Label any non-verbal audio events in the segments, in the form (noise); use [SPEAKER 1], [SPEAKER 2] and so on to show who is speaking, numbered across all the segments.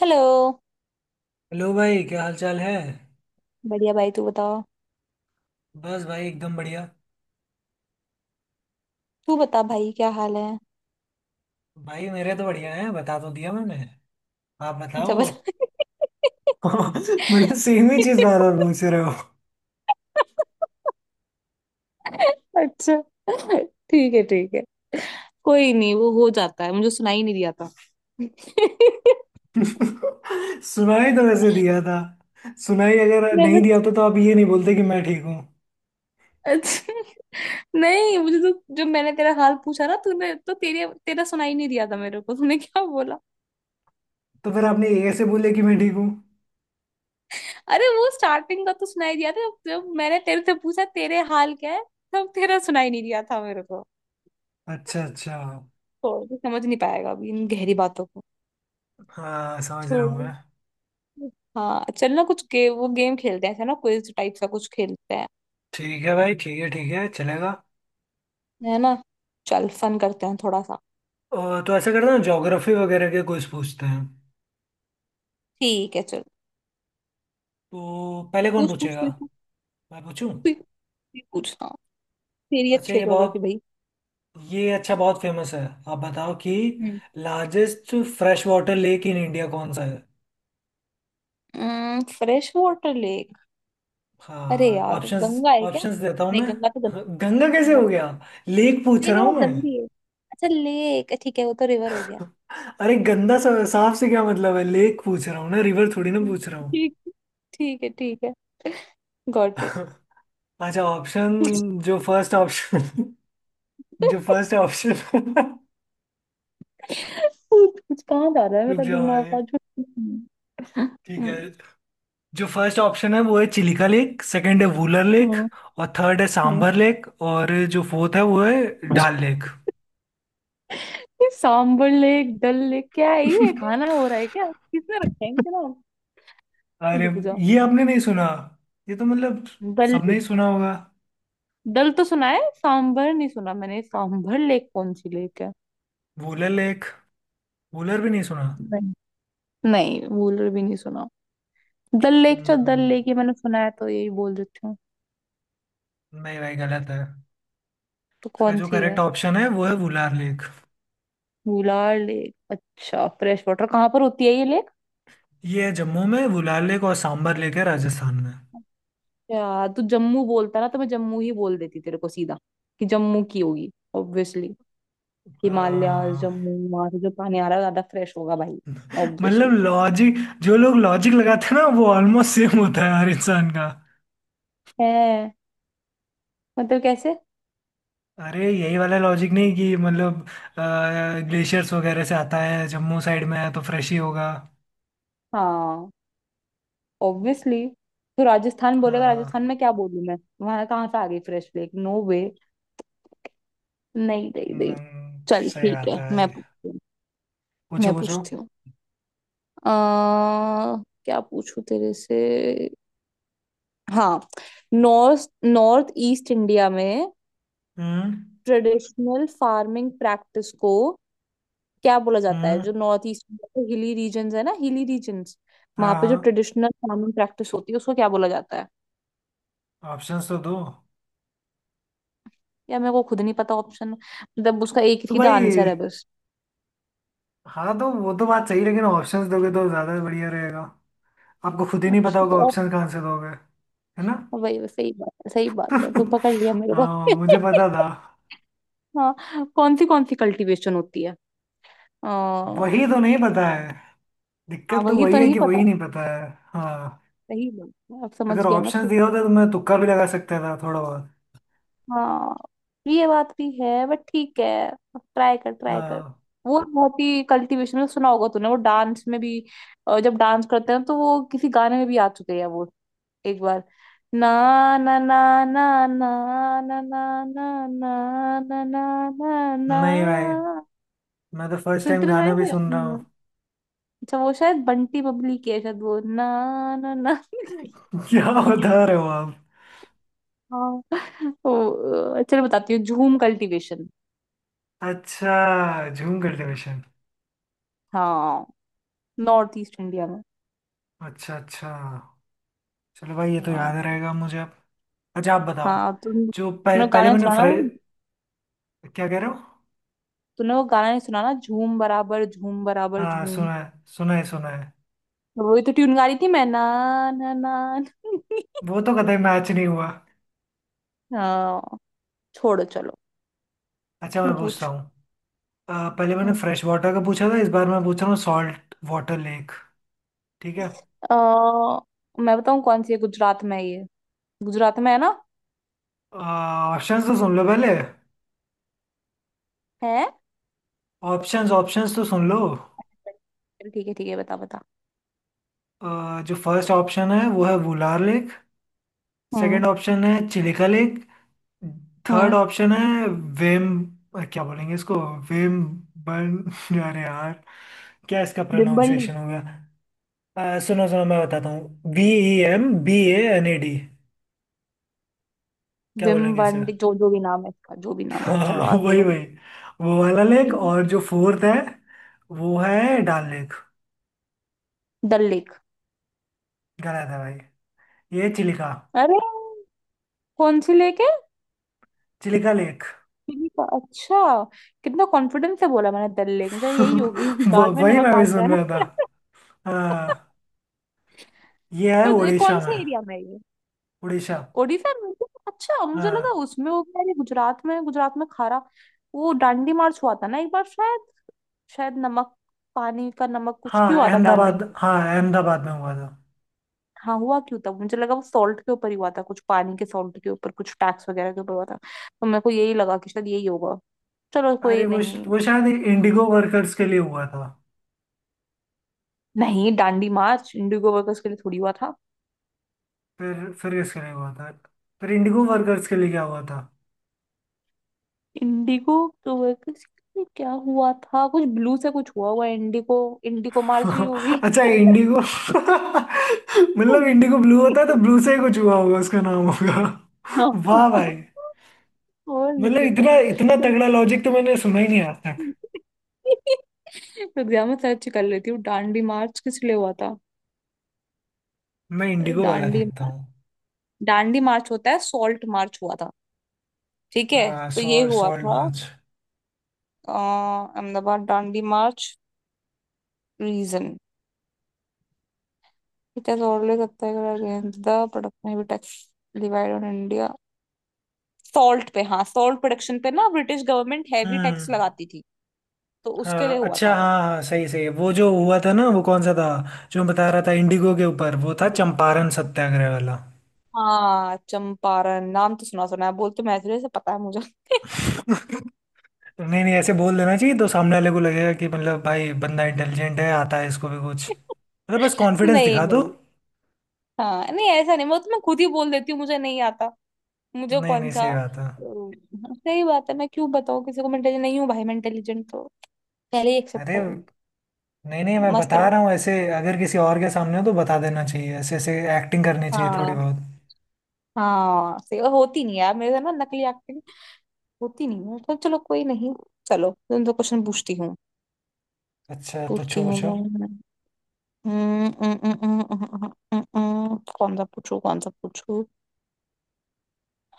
[SPEAKER 1] Hello.
[SPEAKER 2] Hello भाई, क्या हाल चाल है।
[SPEAKER 1] बढ़िया भाई, तू बताओ।
[SPEAKER 2] बस भाई एकदम बढ़िया।
[SPEAKER 1] तू बता भाई, क्या हाल है।
[SPEAKER 2] भाई मेरे तो बढ़िया है, बता तो दिया मैंने। आप बताओ
[SPEAKER 1] अच्छा
[SPEAKER 2] (laughs)
[SPEAKER 1] बता।
[SPEAKER 2] मतलब सेम ही चीज बार बार पूछ रहे हो।
[SPEAKER 1] अच्छा, ठीक है ठीक है। कोई नहीं, वो हो जाता है, मुझे सुनाई नहीं दिया था।
[SPEAKER 2] (laughs) सुनाई तो वैसे दिया था। सुनाई अगर नहीं
[SPEAKER 1] मैं,
[SPEAKER 2] दिया होता तो आप ये नहीं बोलते कि मैं ठीक हूँ।
[SPEAKER 1] अच्छा, नहीं मुझे तो जब मैंने तेरा हाल पूछा ना, तूने तो तेरे तेरा सुनाई नहीं दिया था मेरे को, तूने क्या बोला।
[SPEAKER 2] तो फिर आपने ये ऐसे बोले कि मैं ठीक हूँ।
[SPEAKER 1] अरे वो स्टार्टिंग का तो सुनाई दिया था, जब जब मैंने तेरे से पूछा तेरे हाल क्या है, तब तेरा सुनाई नहीं दिया था मेरे।
[SPEAKER 2] अच्छा अच्छा।
[SPEAKER 1] छोड़, समझ नहीं पाएगा अभी इन गहरी बातों को।
[SPEAKER 2] हाँ समझ रहा हूँ
[SPEAKER 1] छोड़ो।
[SPEAKER 2] मैं।
[SPEAKER 1] हाँ चल ना, कुछ वो गेम खेलते हैं, ऐसा ना क्विज टाइप सा कुछ खेलते हैं,
[SPEAKER 2] ठीक है भाई, ठीक है, ठीक है, चलेगा।
[SPEAKER 1] है ना। चल फन करते हैं थोड़ा सा।
[SPEAKER 2] और तो ऐसा करते हैं, ज्योग्राफी वगैरह के कुछ पूछते हैं।
[SPEAKER 1] ठीक है चल।
[SPEAKER 2] तो पहले कौन
[SPEAKER 1] पूछ पूछ,
[SPEAKER 2] पूछेगा।
[SPEAKER 1] तू ही पूछ।
[SPEAKER 2] मैं पूछूं।
[SPEAKER 1] तू ही पूछ, हाँ। तेरी
[SPEAKER 2] अच्छा
[SPEAKER 1] अच्छी है
[SPEAKER 2] ये बताओ,
[SPEAKER 1] ज्योग्राफी भाई।
[SPEAKER 2] ये अच्छा बहुत फेमस है। आप बताओ कि largest fresh water lake in India कौन सा है।
[SPEAKER 1] हम्म, फ्रेश वाटर लेक। अरे
[SPEAKER 2] हाँ,
[SPEAKER 1] यार,
[SPEAKER 2] ऑप्शंस
[SPEAKER 1] गंगा है क्या।
[SPEAKER 2] ऑप्शंस देता हूँ
[SPEAKER 1] नहीं
[SPEAKER 2] मैं।
[SPEAKER 1] गंगा तो गंदी।
[SPEAKER 2] गंगा कैसे
[SPEAKER 1] गंगा
[SPEAKER 2] हो
[SPEAKER 1] तो
[SPEAKER 2] गया।
[SPEAKER 1] गंदी।
[SPEAKER 2] लेक पूछ
[SPEAKER 1] नहीं
[SPEAKER 2] रहा
[SPEAKER 1] नहीं, वो
[SPEAKER 2] हूँ मैं।
[SPEAKER 1] गंदी है। अच्छा लेक, ठीक है, वो तो रिवर हो गया।
[SPEAKER 2] अरे गंदा सा, साफ से क्या मतलब है, लेक पूछ रहा हूँ ना, रिवर थोड़ी ना
[SPEAKER 1] हम्म,
[SPEAKER 2] पूछ रहा हूँ।
[SPEAKER 1] ठीक, ठीक है ठीक है। गॉट
[SPEAKER 2] (laughs) अच्छा ऑप्शन।
[SPEAKER 1] इट।
[SPEAKER 2] जो फर्स्ट ऑप्शन (laughs) जो
[SPEAKER 1] (laughs)
[SPEAKER 2] फर्स्ट ऑप्शन (laughs)
[SPEAKER 1] कुछ कुछ कहाँ जा रहा है
[SPEAKER 2] रुक
[SPEAKER 1] मेरा
[SPEAKER 2] जाओ
[SPEAKER 1] दिमाग
[SPEAKER 2] भाई।
[SPEAKER 1] आज। हम्म,
[SPEAKER 2] ठीक है, जो फर्स्ट ऑप्शन है वो है चिलिका लेक, सेकंड है वूलर लेक,
[SPEAKER 1] हम्म,
[SPEAKER 2] और थर्ड है
[SPEAKER 1] हम्म।
[SPEAKER 2] सांभर लेक, और जो फोर्थ है वो है डाल लेक (laughs)
[SPEAKER 1] ये सांबर लेक, डल लेक क्या है, ये खाना हो रहा है क्या, किसने रखा है इनके नाम।
[SPEAKER 2] अरे,
[SPEAKER 1] रुक जा।
[SPEAKER 2] ये आपने नहीं सुना। ये तो मतलब
[SPEAKER 1] डल
[SPEAKER 2] सबने
[SPEAKER 1] लेक।
[SPEAKER 2] ही सुना होगा।
[SPEAKER 1] डल तो सुना है, सांबर नहीं सुना मैंने। सांबर लेक कौन सी लेक है।
[SPEAKER 2] वूलर लेक, वूलर भी नहीं सुना।
[SPEAKER 1] नहीं। नहीं, वूलर भी नहीं सुना। डल लेक, चल डल
[SPEAKER 2] हम्म,
[SPEAKER 1] लेक, ये मैंने सुना है तो यही बोल देती हूँ।
[SPEAKER 2] नहीं भाई, गलत है।
[SPEAKER 1] तो
[SPEAKER 2] इसका
[SPEAKER 1] कौन
[SPEAKER 2] जो
[SPEAKER 1] सी है।
[SPEAKER 2] करेक्ट ऑप्शन है वो है वुलार लेक।
[SPEAKER 1] वुलार लेक, अच्छा। फ्रेश वाटर कहाँ पर होती है ये लेक।
[SPEAKER 2] ये है जम्मू में वुलार लेक, और सांभर लेक है राजस्थान में।
[SPEAKER 1] यार तू जम्मू बोलता ना तो मैं जम्मू ही बोल देती तेरे को सीधा कि जम्मू की होगी। ऑब्वियसली। हिमालय
[SPEAKER 2] हाँ,
[SPEAKER 1] जम्मू, वहां से जो पानी आ रहा है ज्यादा फ्रेश होगा भाई। ऑब्वियसली।
[SPEAKER 2] मतलब लॉजिक, जो लोग लॉजिक लगाते हैं ना वो ऑलमोस्ट सेम होता है हर इंसान का।
[SPEAKER 1] है। मतलब कैसे।
[SPEAKER 2] अरे यही वाला लॉजिक, नहीं कि मतलब ग्लेशियर्स वगैरह से आता है, जम्मू साइड में है तो फ्रेश ही होगा।
[SPEAKER 1] हाँ, ऑब्वियसली। तो राजस्थान बोलेगा, राजस्थान
[SPEAKER 2] हाँ।
[SPEAKER 1] में क्या बोलूं मैं। वहां कहाँ से आ गई फ्रेश लेक, नो वे। नहीं नहीं नहीं। चल
[SPEAKER 2] सही
[SPEAKER 1] ठीक
[SPEAKER 2] बात
[SPEAKER 1] है, मैं
[SPEAKER 2] है।
[SPEAKER 1] पूछती हूँ। मैं
[SPEAKER 2] पूछो पूछो।
[SPEAKER 1] पूछती हूँ। क्या पूछूं तेरे से। हाँ। नॉर्थ नॉर्थ ईस्ट इंडिया में
[SPEAKER 2] हम्म।
[SPEAKER 1] ट्रेडिशनल फार्मिंग प्रैक्टिस को क्या बोला जाता है।
[SPEAKER 2] हम्म।
[SPEAKER 1] जो नॉर्थ ईस्ट में हिली रीजन है ना, हिली रीजन, वहां पे जो
[SPEAKER 2] हाँ
[SPEAKER 1] ट्रेडिशनल फार्मिंग प्रैक्टिस होती है उसको क्या बोला जाता है।
[SPEAKER 2] हाँ, ऑप्शंस तो दो।
[SPEAKER 1] या मेरे को खुद नहीं पता ऑप्शन, मतलब उसका एक ही
[SPEAKER 2] तो
[SPEAKER 1] सीधा आंसर है
[SPEAKER 2] भाई,
[SPEAKER 1] बस।
[SPEAKER 2] हाँ तो वो तो बात सही, लेकिन ऑप्शंस दोगे तो ज़्यादा बढ़िया रहेगा। आपको खुद ही नहीं पता
[SPEAKER 1] अच्छा तो
[SPEAKER 2] होगा,
[SPEAKER 1] op-
[SPEAKER 2] ऑप्शंस कहाँ से दोगे। है ना।
[SPEAKER 1] वही वही- सही बात है, सही बात है, तो पकड़
[SPEAKER 2] (laughs)
[SPEAKER 1] लिया मेरे को।
[SPEAKER 2] हाँ, मुझे पता था।
[SPEAKER 1] (laughs) हाँ, कौन सी कल्टीवेशन होती है।
[SPEAKER 2] वही
[SPEAKER 1] हाँ।
[SPEAKER 2] तो नहीं पता है, दिक्कत तो
[SPEAKER 1] वही तो
[SPEAKER 2] वही है
[SPEAKER 1] नहीं
[SPEAKER 2] कि
[SPEAKER 1] पता।
[SPEAKER 2] वही नहीं पता है। हाँ,
[SPEAKER 1] सही बात है, अब समझ
[SPEAKER 2] अगर
[SPEAKER 1] गया ना
[SPEAKER 2] ऑप्शन
[SPEAKER 1] तू।
[SPEAKER 2] दिया होता तो मैं तुक्का भी लगा सकता था थोड़ा बहुत।
[SPEAKER 1] हाँ, ये बात भी है, बट ठीक है, ट्राई कर ट्राई कर।
[SPEAKER 2] हाँ,
[SPEAKER 1] वो बहुत ही कल्टीवेशन में सुना होगा तूने, वो डांस में भी। जब डांस करते हैं तो वो किसी गाने में भी आ चुके हैं वो, एक बार। ना ना ना ना ना ना ना ना ना ना ना ना
[SPEAKER 2] नहीं भाई,
[SPEAKER 1] ना।
[SPEAKER 2] मैं तो फर्स्ट
[SPEAKER 1] सुनते
[SPEAKER 2] टाइम
[SPEAKER 1] हैं
[SPEAKER 2] गाना भी
[SPEAKER 1] ये?
[SPEAKER 2] सुन रहा हूँ।
[SPEAKER 1] अच्छा वो शायद बंटी बबली की है शायद, वो ना ना ना।
[SPEAKER 2] (laughs) क्या बता रहे हो आप।
[SPEAKER 1] हाँ। चलो बताती हूँ, झूम कल्टीवेशन।
[SPEAKER 2] अच्छा, झूम कल्टीवेशन।
[SPEAKER 1] हाँ, नॉर्थ ईस्ट इंडिया में।
[SPEAKER 2] अच्छा अच्छा, चलो भाई ये तो याद
[SPEAKER 1] हाँ।
[SPEAKER 2] रहेगा मुझे अब। अच्छा आप बताओ।
[SPEAKER 1] हाँ,
[SPEAKER 2] जो
[SPEAKER 1] तुमने
[SPEAKER 2] पह,
[SPEAKER 1] वो गाना
[SPEAKER 2] पहले
[SPEAKER 1] नहीं
[SPEAKER 2] मैंने
[SPEAKER 1] सुना ना
[SPEAKER 2] फ्रे,
[SPEAKER 1] वो।
[SPEAKER 2] क्या कह रहे हो।
[SPEAKER 1] तूने वो गाना नहीं सुना ना, झूम बराबर झूम, बराबर
[SPEAKER 2] हाँ
[SPEAKER 1] झूम।
[SPEAKER 2] सुना है, सुना है सुना है।
[SPEAKER 1] तो वही तो ट्यून गा रही थी मैं ना ना ना ना।
[SPEAKER 2] वो तो कतई मैच नहीं हुआ।
[SPEAKER 1] हाँ, छोड़ो चलो।
[SPEAKER 2] अच्छा,
[SPEAKER 1] तू
[SPEAKER 2] मैं पूछता
[SPEAKER 1] पूछ।
[SPEAKER 2] हूँ। पहले मैंने
[SPEAKER 1] हम्म।
[SPEAKER 2] फ्रेश वाटर का पूछा था, इस बार मैं पूछ रहा हूँ सॉल्ट वाटर लेक। ठीक है।
[SPEAKER 1] मैं बताऊँ, कौन सी है गुजरात में है ये, गुजरात में है ना।
[SPEAKER 2] ऑप्शन तो सुन लो पहले।
[SPEAKER 1] है।
[SPEAKER 2] ऑप्शंस ऑप्शंस तो सुन लो।
[SPEAKER 1] चल ठीक है ठीक है, बता बता।
[SPEAKER 2] जो फर्स्ट ऑप्शन है वो है वुलार लेक।
[SPEAKER 1] हम्म।
[SPEAKER 2] सेकंड ऑप्शन है Chilika lake. Third
[SPEAKER 1] hmm.
[SPEAKER 2] Option है वेम, क्या बोलेंगे इसको, वेम बन (laughs) अरे यार, क्या इसका
[SPEAKER 1] विम्बली।
[SPEAKER 2] प्रोनाउंसिएशन होगा। सुनो सुनो, मैं बताता हूँ, B E M B A N A D. क्या बोलेंगे इसे
[SPEAKER 1] विम्बंडी, जो
[SPEAKER 2] (laughs)
[SPEAKER 1] जो भी नाम है इसका, जो भी नाम है, चलो
[SPEAKER 2] हाँ
[SPEAKER 1] आगे
[SPEAKER 2] वही
[SPEAKER 1] बढ़ो।
[SPEAKER 2] वही, वो वाला लेक।
[SPEAKER 1] हम्म।
[SPEAKER 2] और जो फोर्थ है वो है डाल लेक।
[SPEAKER 1] डल लेक।
[SPEAKER 2] गलत है भाई। ये चिलिका,
[SPEAKER 1] अरे, कौन सी लेक है।
[SPEAKER 2] चिलिका लेक।
[SPEAKER 1] चिली का, अच्छा। कितना कॉन्फिडेंस से बोला मैंने, दल लेक मुझे यही होगी,
[SPEAKER 2] (laughs)
[SPEAKER 1] (laughs)
[SPEAKER 2] वो
[SPEAKER 1] दाल में
[SPEAKER 2] वही
[SPEAKER 1] नमक
[SPEAKER 2] मैं भी
[SPEAKER 1] डालते हैं
[SPEAKER 2] सुन
[SPEAKER 1] ना।
[SPEAKER 2] रहा था।
[SPEAKER 1] (laughs)
[SPEAKER 2] हाँ, ये है
[SPEAKER 1] पर ये कौन
[SPEAKER 2] उड़ीसा में।
[SPEAKER 1] से एरिया में है ये।
[SPEAKER 2] उड़ीसा।
[SPEAKER 1] ओडिशा में तो, अच्छा, मुझे लगा
[SPEAKER 2] हाँ
[SPEAKER 1] उसमें हो गया ये गुजरात में, गुजरात में खारा। वो डांडी मार्च हुआ था ना एक बार शायद, शायद नमक, पानी का नमक कुछ,
[SPEAKER 2] हाँ
[SPEAKER 1] क्यों आता डांडी
[SPEAKER 2] अहमदाबाद,
[SPEAKER 1] में।
[SPEAKER 2] हाँ अहमदाबाद में हुआ था।
[SPEAKER 1] हाँ हुआ क्यों था, मुझे लगा वो सॉल्ट के ऊपर ही हुआ था कुछ, पानी के सॉल्ट के ऊपर कुछ टैक्स वगैरह के ऊपर हुआ था, तो मेरे को यही लगा कि शायद यही होगा, चलो कोई नहीं।
[SPEAKER 2] वो शायद इंडिगो वर्कर्स के लिए हुआ था।
[SPEAKER 1] नहीं डांडी मार्च इंडिगो वर्कर्स के लिए थोड़ी हुआ।
[SPEAKER 2] फिर फिर किसके लिए हुआ था। फिर इंडिगो वर्कर्स के लिए क्या हुआ था।
[SPEAKER 1] इंडिगो। तो वो किस- क्या हुआ था, कुछ ब्लू से कुछ हुआ, हुआ इंडिगो, इंडिगो मार्स ही होगी।
[SPEAKER 2] (laughs) अच्छा इंडिगो (laughs) मतलब इंडिगो ब्लू होता है तो ब्लू से ही कुछ हुआ होगा उसका नाम होगा (laughs) वाह
[SPEAKER 1] और,
[SPEAKER 2] भाई,
[SPEAKER 1] नहीं
[SPEAKER 2] मतलब
[SPEAKER 1] तो क्या।
[SPEAKER 2] इतना इतना तगड़ा लॉजिक तो मैंने सुना ही नहीं आज तक।
[SPEAKER 1] (laughs) एग्जाम में सर्च कर लेती हूँ डांडी मार्च किस लिए हुआ था।
[SPEAKER 2] मैं इंडिगो वाला
[SPEAKER 1] डांडी,
[SPEAKER 2] देखता हूँ।
[SPEAKER 1] डांडी मार्च होता है सॉल्ट मार्च हुआ था। ठीक है।
[SPEAKER 2] हाँ
[SPEAKER 1] तो ये
[SPEAKER 2] सॉल्ट
[SPEAKER 1] हुआ था,
[SPEAKER 2] salt.
[SPEAKER 1] Ahmedabad Dandi march reason. It has always attacked against the production of tax levied on India. Salt पे, हाँ सॉल्ट प्रोडक्शन पे ना, British government heavy tax
[SPEAKER 2] hmm.
[SPEAKER 1] लगाती थी, तो उसके लिए
[SPEAKER 2] हाँ
[SPEAKER 1] हुआ था
[SPEAKER 2] अच्छा,
[SPEAKER 1] वो।
[SPEAKER 2] हाँ हाँ सही सही, वो जो हुआ था ना वो कौन सा था, जो मैं बता रहा था इंडिगो के ऊपर, वो था
[SPEAKER 1] देखो,
[SPEAKER 2] चंपारण सत्याग्रह वाला।
[SPEAKER 1] हाँ चंपारण नाम तो सुना सुना है, बोल तो मैं से पता है मुझे।
[SPEAKER 2] नहीं नहीं, ऐसे बोल देना चाहिए तो सामने वाले को लगेगा कि मतलब भाई बंदा इंटेलिजेंट है, आता है इसको भी कुछ,
[SPEAKER 1] (laughs)
[SPEAKER 2] मतलब बस कॉन्फिडेंस
[SPEAKER 1] नहीं
[SPEAKER 2] दिखा दो।
[SPEAKER 1] नहीं। हाँ नहीं ऐसा नहीं, मैं तो मैं खुद ही बोल देती हूँ मुझे नहीं आता। मुझे
[SPEAKER 2] नहीं
[SPEAKER 1] कौन
[SPEAKER 2] नहीं,
[SPEAKER 1] सा
[SPEAKER 2] सही बात है।
[SPEAKER 1] सही बात है। मैं क्यों बताऊँ किसी को, मैं इंटेलिजेंट नहीं हूँ भाई, मैं इंटेलिजेंट तो पहले ही एक्सेप्ट
[SPEAKER 2] अरे
[SPEAKER 1] कर लो।
[SPEAKER 2] नहीं नहीं, मैं
[SPEAKER 1] मस्त
[SPEAKER 2] बता
[SPEAKER 1] रहो।
[SPEAKER 2] रहा हूँ ऐसे, अगर किसी और के सामने हो तो बता देना चाहिए ऐसे ऐसे, एक्टिंग करनी चाहिए थोड़ी
[SPEAKER 1] हाँ,
[SPEAKER 2] बहुत।
[SPEAKER 1] हाँ सही, होती नहीं यार मेरे से ना नकली, होती नहीं हूँ, तो चलो कोई नहीं। चलो, तुम तो क्वेश्चन पूछती हूँ।
[SPEAKER 2] अच्छा
[SPEAKER 1] पूछती
[SPEAKER 2] पूछो
[SPEAKER 1] हूँ
[SPEAKER 2] पूछो।
[SPEAKER 1] मैं। हम्म, हम्म, हम्म, हम्म, हम्म, हम्म, हम्म, हम्म, कौन सा पूछू, कौन सा पूछू।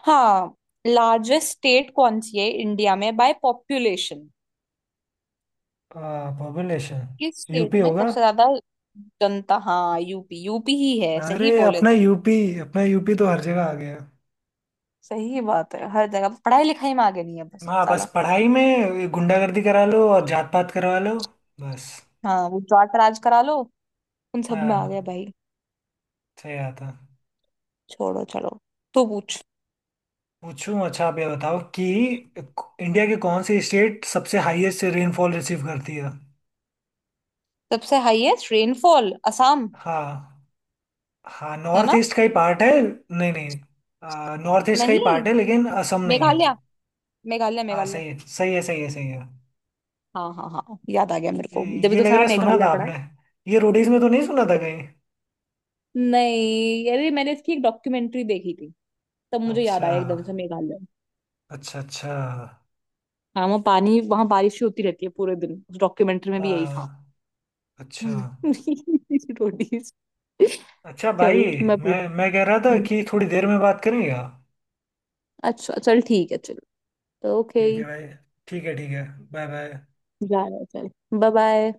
[SPEAKER 1] हाँ, लार्जेस्ट स्टेट कौन सी है इंडिया में बाय पॉपुलेशन,
[SPEAKER 2] पॉपुलेशन।
[SPEAKER 1] किस स्टेट
[SPEAKER 2] यूपी
[SPEAKER 1] में
[SPEAKER 2] होगा।
[SPEAKER 1] सबसे ज्यादा जनता। हाँ यूपी, यूपी ही है, सही
[SPEAKER 2] अरे
[SPEAKER 1] बोले
[SPEAKER 2] अपना
[SPEAKER 1] तुम।
[SPEAKER 2] यूपी, अपना यूपी तो हर जगह आ गया।
[SPEAKER 1] सही बात है, हर जगह पढ़ाई लिखाई में आगे नहीं है बस
[SPEAKER 2] हाँ, बस
[SPEAKER 1] साला।
[SPEAKER 2] पढ़ाई में गुंडागर्दी करा लो और जात पात करवा लो, बस।
[SPEAKER 1] हाँ वो जाट राज करा लो, उन सब में आ गया
[SPEAKER 2] हाँ,
[SPEAKER 1] भाई।
[SPEAKER 2] सही आता।
[SPEAKER 1] छोड़ो चलो। तू पूछ।
[SPEAKER 2] पूछूं। अच्छा आप ये बताओ कि इंडिया के कौन सी स्टेट सबसे हाईएस्ट रेनफॉल रिसीव करती है।
[SPEAKER 1] सबसे हाईएस्ट रेनफॉल असम,
[SPEAKER 2] हाँ, हाँ
[SPEAKER 1] है ना।
[SPEAKER 2] नॉर्थ ईस्ट का ही पार्ट है, नहीं नहीं, नॉर्थ ईस्ट का ही
[SPEAKER 1] नहीं,
[SPEAKER 2] पार्ट है लेकिन असम नहीं है।
[SPEAKER 1] मेघालय, मेघालय
[SPEAKER 2] हाँ
[SPEAKER 1] मेघालय।
[SPEAKER 2] सही है सही है सही है सही है।
[SPEAKER 1] हाँ हाँ हाँ याद आ गया मेरे को,
[SPEAKER 2] ये
[SPEAKER 1] जब भी
[SPEAKER 2] ये
[SPEAKER 1] तो
[SPEAKER 2] लग रहा
[SPEAKER 1] सारा
[SPEAKER 2] है सुना
[SPEAKER 1] मेघालय
[SPEAKER 2] था
[SPEAKER 1] पड़ा है।
[SPEAKER 2] आपने, ये रोडीज में तो नहीं सुना था कहीं।
[SPEAKER 1] नहीं, अरे मैंने इसकी एक डॉक्यूमेंट्री देखी थी, तब मुझे याद
[SPEAKER 2] अच्छा,
[SPEAKER 1] आया एकदम से, मेघालय।
[SPEAKER 2] अच्छा अच्छा।
[SPEAKER 1] हाँ वहाँ पानी, वहाँ बारिश ही होती रहती है पूरे दिन, उस डॉक्यूमेंट्री में भी यही था।
[SPEAKER 2] हाँ, अच्छा।
[SPEAKER 1] (laughs) रोटीज।
[SPEAKER 2] अच्छा भाई,
[SPEAKER 1] चल मैं
[SPEAKER 2] मैं
[SPEAKER 1] पूछती
[SPEAKER 2] मैं कह रहा था
[SPEAKER 1] हूँ।
[SPEAKER 2] कि थोड़ी देर में बात करेंगे आप।
[SPEAKER 1] अच्छा चल, ठीक है चल। ओके।
[SPEAKER 2] ठीक है भाई, ठीक है ठीक है। Bye bye.
[SPEAKER 1] जा रहा है, चल। Bye bye.